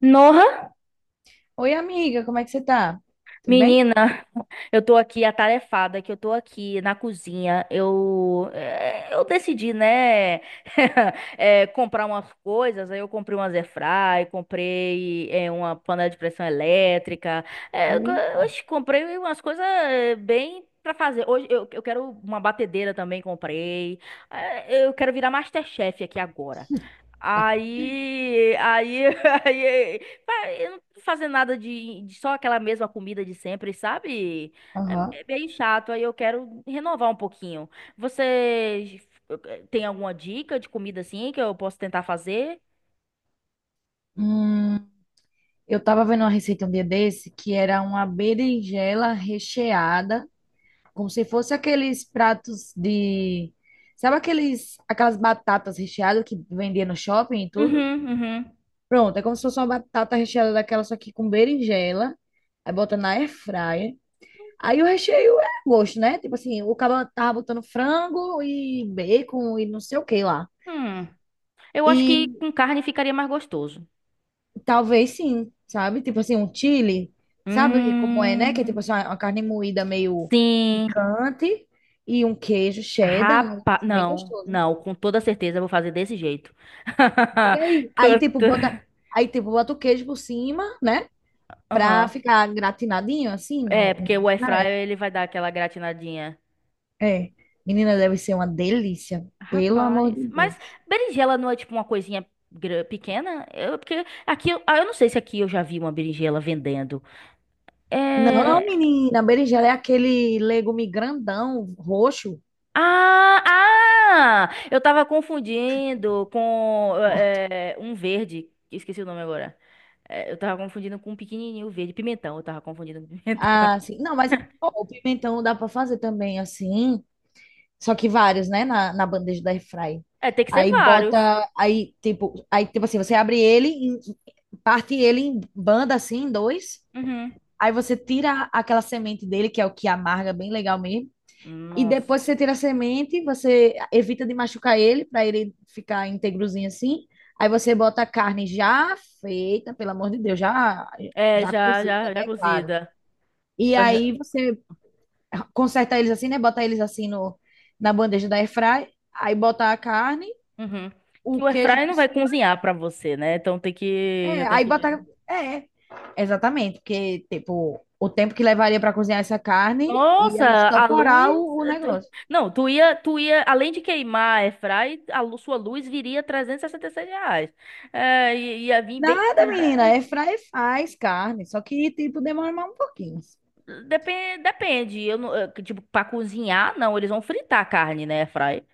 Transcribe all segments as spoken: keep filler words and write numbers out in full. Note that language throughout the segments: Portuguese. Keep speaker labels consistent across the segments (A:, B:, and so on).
A: Nossa,
B: Oi, amiga, como é que você tá? Tudo bem?
A: menina, eu tô aqui atarefada, que eu tô aqui na cozinha. Eu, eh, eu decidi, né, eh, comprar umas coisas. Aí eu comprei umas airfry, comprei eh, uma panela de pressão elétrica. eh, co-
B: Eita.
A: Oxe, comprei umas coisas eh, bem pra fazer. Hoje eu, eu quero uma batedeira também, comprei. Eh, eu quero virar MasterChef aqui agora.
B: Ah.
A: Aí, aí, aí, eu não tô fazendo nada de de só aquela mesma comida de sempre, sabe?
B: Aham.
A: É é bem chato, aí eu quero renovar um pouquinho. Você, eh, tem alguma dica de comida assim que eu posso tentar fazer?
B: Hum, eu tava vendo uma receita um dia desse que era uma berinjela recheada como se fosse aqueles pratos de, sabe aqueles, aquelas batatas recheadas que vendia no shopping e tudo?
A: Uhum, uhum.
B: Pronto, é como se fosse uma batata recheada daquela, só que com berinjela, aí bota na air fryer. Aí o recheio é a gosto, né? Tipo assim, o cara tava botando frango e bacon e não sei o que lá.
A: Hum, eu acho que
B: E
A: com carne ficaria mais gostoso.
B: talvez sim, sabe? Tipo assim, um chili, sabe como é, né? Que é tipo
A: Hum,
B: assim, uma uma carne moída meio
A: sim.
B: picante e um queijo cheddar, um negócio
A: Rapaz,
B: bem
A: não,
B: gostoso.
A: não, com toda certeza eu vou fazer desse jeito.
B: E aí? Aí,
A: Com
B: tipo,
A: to-
B: bota, aí, tipo, bota o queijo por cima, né? Pra
A: Aham.
B: ficar gratinadinho, assim,
A: É,
B: no, na-
A: porque o air
B: na-
A: fryer ele vai dar aquela gratinadinha.
B: é. Menina, deve ser uma delícia, pelo amor de
A: Rapaz. Mas
B: Deus.
A: berinjela não é tipo uma coisinha gra- pequena? Eu, porque aqui, eu- ah, eu não sei se aqui eu já vi uma berinjela vendendo.
B: Não,
A: É...
B: menina, berinjela é aquele legume grandão, roxo.
A: Ah, ah! Eu tava confundindo com é, um verde. Esqueci o nome agora. É, eu tava confundindo com um pequenininho verde. Pimentão, eu tava confundindo com pimentão.
B: Ah, sim. Não, mas ó, o pimentão dá pra fazer também assim, só que vários, né, na, na bandeja da airfry.
A: É, tem que ser
B: Aí
A: vários.
B: bota, aí tipo, aí tipo assim, você abre ele, em- parte ele em banda assim, em dois.
A: Uhum.
B: Aí você tira aquela semente dele, que é o que amarga bem legal mesmo. E
A: Nossa.
B: depois que você tira a semente, você evita de machucar ele, para ele ficar íntegrozinho assim. Aí você bota a carne já feita, pelo amor de Deus, já,
A: É,
B: já
A: já,
B: cozida,
A: já, já
B: né? Claro.
A: cozida.
B: E
A: Que o air-
B: aí você conserta eles assim, né? Bota eles assim no, na bandeja da airfry. Aí bota a carne,
A: Uhum. Que
B: o
A: o
B: queijo
A: airfryer
B: por
A: não vai
B: cima.
A: cozinhar pra você, né? Então tem que, já
B: É,
A: tem
B: aí
A: que.
B: botar. É, exatamente, porque, tipo, o tempo que levaria para cozinhar essa carne
A: Nossa,
B: ia
A: a luz.
B: estoporar o, o
A: eh, tu-
B: negócio.
A: Não, tu ia, tu ia, além de queimar a airfry, a lu- sua luz viria trezentos e sessenta e seis reais. É, e- ia vir bem.
B: Nada, menina, é fry faz carne, só que, tipo, demora mais um pouquinho.
A: Depende, depende. Eu não, eh, tipo, pra cozinhar, não, eles vão fritar a carne, né, airfry?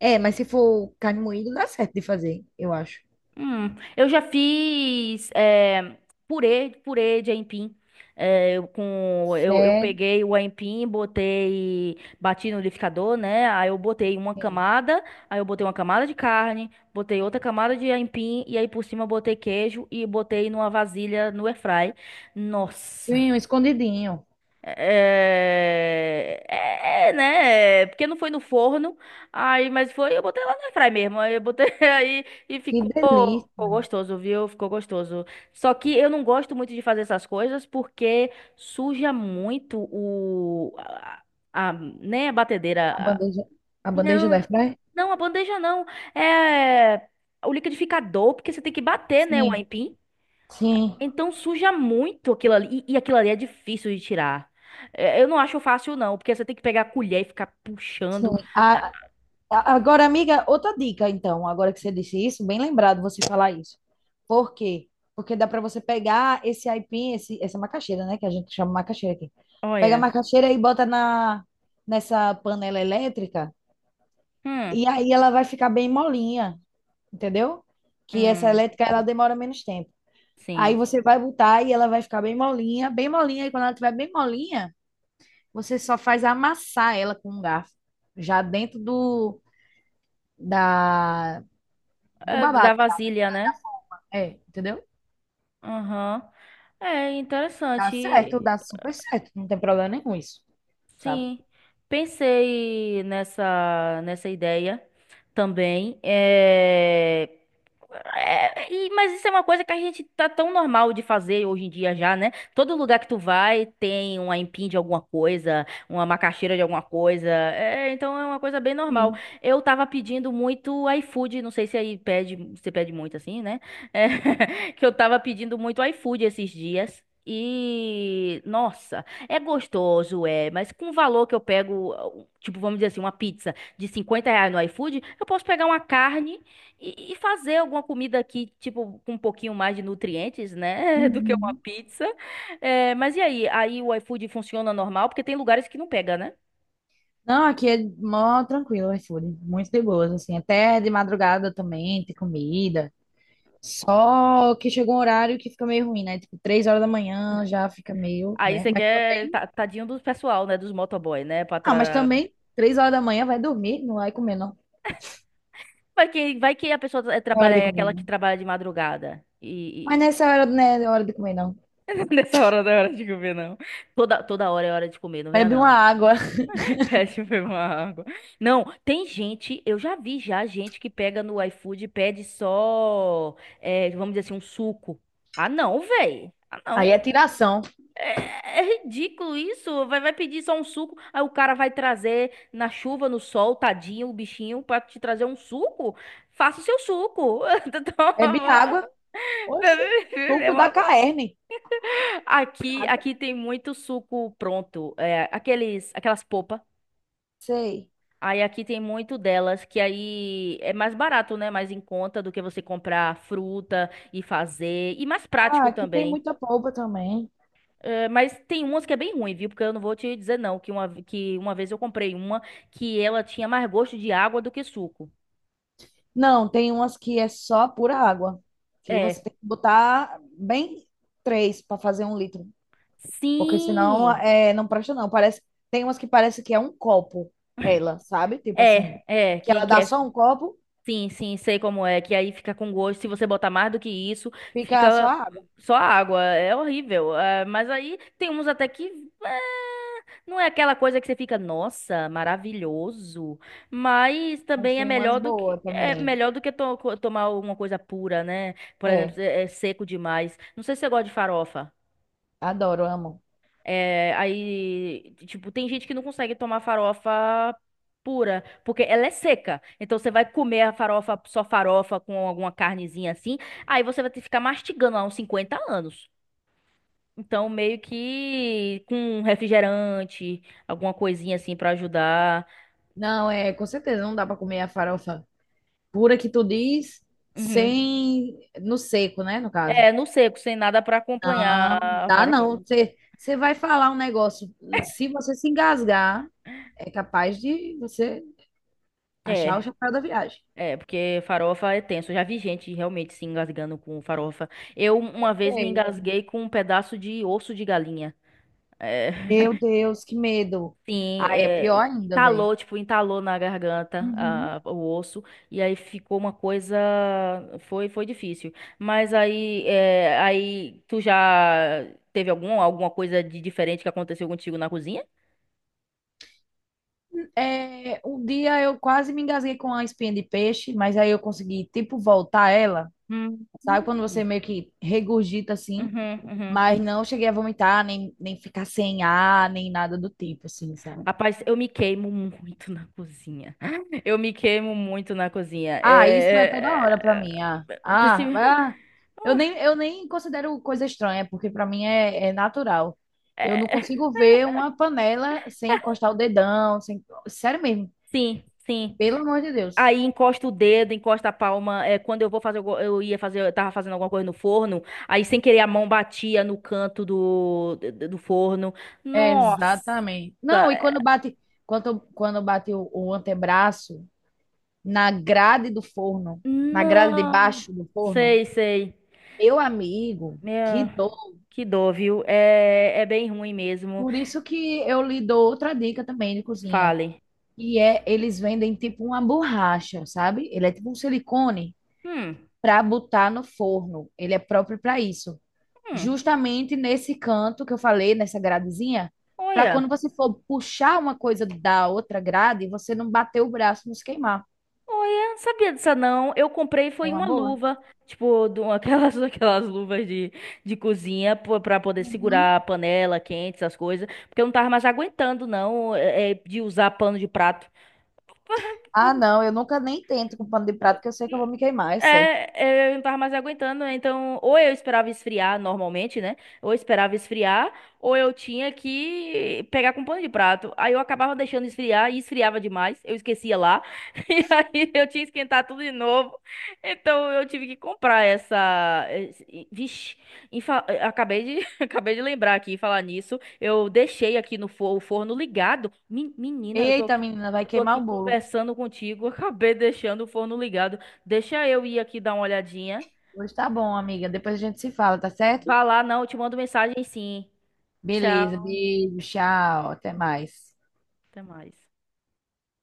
B: É, mas se for carne moída, dá certo de fazer, eu acho.
A: Hum, eu já fiz eh, purê, purê de aipim. Eh, eu, com, eu, eu
B: Certo.
A: peguei o aipim, botei, bati no liquidificador, né? Aí eu botei uma camada, aí eu botei uma camada de carne, botei outra camada de aipim, e aí por cima eu botei queijo e botei numa vasilha no airfry. Nossa!
B: Sim, um escondidinho.
A: É, é, é, né? É, porque não foi no forno, aí, mas foi, eu botei lá na fry mesmo. Aí eu botei aí e
B: Que
A: ficou,
B: delícia.
A: ficou gostoso, viu? Ficou gostoso. Só que eu não gosto muito de fazer essas coisas porque suja muito o a, a- a- né, a
B: A
A: batedeira.
B: bandeja, a bandeja da
A: Não,
B: airfryer?
A: não, a bandeja não. É o liquidificador, porque você tem que bater, né, o
B: Sim,
A: aipim.
B: sim,
A: Então suja muito aquilo ali. E, e aquilo ali é difícil de tirar. É, eu não acho fácil, não, porque você tem que pegar a colher e ficar
B: sim.
A: puxando. Ah,
B: A, A- Agora, amiga, outra dica, então, agora que você disse isso, bem lembrado você falar isso. Por quê? Porque dá para você pegar esse aipim, esse, essa macaxeira, né? Que a gente chama macaxeira aqui. Pega a
A: olha.
B: macaxeira e bota na, nessa panela elétrica,
A: Hum,
B: e aí ela vai ficar bem molinha, entendeu? Que essa
A: hum,
B: elétrica, ela demora menos tempo. Aí
A: sim.
B: você vai botar e ela vai ficar bem molinha, bem molinha, e quando ela estiver bem molinha, você só faz amassar ela com um garfo, já dentro do, da, do
A: É da
B: babado.
A: vasilha, né?
B: É, entendeu?
A: Aham. É
B: Dá certo,
A: interessante.
B: dá super certo, não tem problema nenhum isso, sabe?
A: Sim. Pensei nessa, nessa ideia também. É, É, e- mas isso é uma coisa que a gente tá tão normal de fazer hoje em dia já, né? Todo lugar que tu vai tem uma empim de alguma coisa, uma macaxeira de alguma coisa. É, então é uma coisa bem normal.
B: Sim.
A: Eu tava pedindo muito iFood, não sei se aí pede, você pede muito assim, né? É, que eu tava pedindo muito iFood esses dias. E, nossa, é gostoso, é, mas com o valor que eu pego, tipo, vamos dizer assim, uma pizza de cinquenta reais no iFood, eu posso pegar uma carne e, e fazer alguma comida aqui, tipo, com um pouquinho mais de nutrientes, né? Do que uma
B: Uhum.
A: pizza. É, mas e aí? Aí o iFood funciona normal? Porque tem lugares que não pega, né?
B: Não, aqui é mó tranquilo o iFood, muito de boas, assim, até de madrugada também tem comida. Só que chegou um horário que fica meio ruim, né? Tipo, três horas da manhã já fica meio,
A: Aí
B: né?
A: você
B: Mas
A: quer
B: também,
A: ta- tadinho do pessoal, né? Dos motoboy, né? Pra
B: não, mas
A: tra...
B: também três horas da manhã vai dormir, não vai comer não.
A: Vai que, vai que a pessoa tra-
B: Não é
A: trabalha,
B: hora de
A: é
B: comer
A: aquela que
B: não.
A: trabalha de madrugada.
B: Mas
A: E,
B: nessa hora não é hora de comer não.
A: e... nessa hora não é hora de comer, não. Toda, toda hora é hora de comer, não venha
B: Bebe uma
A: não.
B: água.
A: Pede foi uma água. Não, tem gente, eu já vi já gente que pega no iFood e pede só, é, vamos dizer assim, um suco. Ah, não, véi. Ah,
B: aí
A: não.
B: é tiração.
A: É, é ridículo isso. Vai, vai pedir só um suco, aí o cara vai trazer na chuva, no sol, tadinho, o bichinho, pra te trazer um suco. Faça o seu suco.
B: Bebe
A: Toma.
B: água, oxe,
A: É
B: suco da
A: uma-
B: carne.
A: Aqui, aqui tem muito suco pronto. É, aqueles, aquelas popas.
B: Sei.
A: Aí aqui tem muito delas, que aí é mais barato, né? Mais em conta do que você comprar fruta e fazer. E mais
B: Ah,
A: prático
B: aqui tem
A: também.
B: muita polpa também.
A: É, mas tem umas que é bem ruim, viu? Porque eu não vou te dizer não, que uma, que uma vez eu comprei uma que ela tinha mais gosto de água do que suco.
B: Não, tem umas que é só pura água, que você
A: É.
B: tem que botar bem três para fazer um litro, porque senão
A: Sim!
B: é, não presta não. Parece, tem umas que parece que é um copo, ela, sabe? Tipo assim,
A: É, é,
B: que
A: que,
B: ela
A: que
B: dá
A: é.
B: só um copo,
A: Sim, sim, sei como é, que aí fica com gosto. Se você botar mais do que isso,
B: fica só
A: fica
B: água.
A: só água. É horrível. É, mas aí tem uns até que. É, não é aquela coisa que você fica, nossa, maravilhoso. Mas
B: Mas
A: também é
B: tem umas
A: melhor do que
B: boas
A: é
B: também.
A: melhor do que to- co- tomar alguma coisa pura, né? Por exemplo,
B: É,
A: é, é seco demais. Não sei se você gosta de farofa.
B: adoro, amo.
A: É, aí, tipo, tem gente que não consegue tomar farofa pura, porque ela é seca. Então você vai comer a farofa, só farofa com alguma carnezinha assim, aí você vai ter que ficar mastigando lá uns cinquenta anos. Então, meio que com um refrigerante, alguma coisinha assim pra ajudar.
B: Não, é, com certeza não dá para comer a farofa pura que tu diz,
A: Uhum.
B: sem, no seco, né, no caso.
A: É, no seco, sem nada pra acompanhar
B: Não,
A: a
B: dá
A: farofa.
B: não. Você, você vai falar um negócio. Se você se engasgar, é capaz de você achar o
A: É.
B: chapéu da viagem.
A: É, porque farofa é tenso. Eu já vi gente realmente se engasgando com farofa. Eu uma vez me
B: Sei.
A: engasguei com um pedaço de osso de galinha. É,
B: Meu Deus, que medo.
A: sim,
B: Ah, é pior
A: é,
B: ainda, velho.
A: entalou, tipo, entalou na garganta
B: Uhum.
A: a- o osso. E aí ficou uma coisa. Foi, foi difícil. Mas aí, é, aí tu já teve algum, alguma coisa de diferente que aconteceu contigo na cozinha?
B: É, um dia eu quase me engasguei com a espinha de peixe, mas aí eu consegui, tipo, voltar ela.
A: Hum.
B: Sabe quando você meio que regurgita assim?
A: Uhum, uhum.
B: Mas não cheguei a vomitar, nem, nem ficar sem ar, nem nada do tipo, assim, sabe?
A: Rapaz, eu me queimo muito na cozinha. Eu me queimo muito na cozinha.
B: Ah, isso é toda hora pra
A: É...
B: mim. Ah,
A: é, princi-
B: ah, ah. Eu nem, eu nem considero coisa estranha, porque pra mim é, é natural. Eu não
A: é,
B: consigo ver uma panela sem encostar o dedão, sem... Sério mesmo,
A: sim, sim.
B: pelo amor de Deus.
A: Aí encosta o dedo, encosta a palma. É, quando eu vou fazer, algu- eu ia fazer, eu tava fazendo alguma coisa no forno. Aí sem querer a mão batia no canto do, do do forno.
B: É,
A: Nossa,
B: exatamente. Não, e
A: é,
B: quando bate, quando, quando bate o, o antebraço na grade do forno, na grade de
A: não.
B: baixo do forno,
A: Sei, sei.
B: meu amigo, que
A: Meu,
B: dor.
A: que dor, viu? É, é bem ruim mesmo.
B: Por isso que eu lhe dou outra dica também de cozinha.
A: Fale.
B: E é, eles vendem tipo uma borracha, sabe? Ele é tipo um silicone
A: Hum.
B: para botar no forno. Ele é próprio para isso.
A: Hum,
B: Justamente nesse canto que eu falei, nessa gradezinha, para
A: olha,
B: quando você for puxar uma coisa da outra grade, você não bater o braço e não se queimar.
A: olha, sabia disso não. Eu comprei
B: É
A: foi
B: uma
A: uma
B: boa.
A: luva, tipo, de uma- aquelas, aquelas luvas de, de cozinha pô- pra poder segurar
B: Uhum.
A: a panela quente, essas coisas, porque eu não tava mais aguentando não, é, é, de usar pano de prato.
B: Ah, não, eu nunca nem tento com pano de prato, que eu sei que eu vou me queimar, é certo.
A: É, é, eu não tava mais aguentando, né? Então ou eu esperava esfriar normalmente, né? Ou eu esperava esfriar, ou eu tinha que pegar com um pano de prato. Aí eu acabava deixando esfriar e esfriava demais, eu esquecia lá. E aí eu tinha que esquentar tudo de novo. Então eu tive que comprar essa. esse- Vixe, em fa- eh, acabei de, acabei de lembrar aqui, falar nisso. Eu deixei aqui no forno o forno ligado. Men- Menina, eu tô
B: Eita,
A: aqui,
B: menina, vai
A: eu tô
B: queimar
A: aqui
B: o bolo.
A: conversando contigo, acabei deixando o forno ligado. Deixa eu ir aqui dar uma olhadinha.
B: Pois tá bom, amiga. Depois a gente se fala, tá certo?
A: Vá lá, não, eu te mando mensagem sim.
B: Beleza,
A: Tchau,
B: beijo, tchau, até mais.
A: até mais.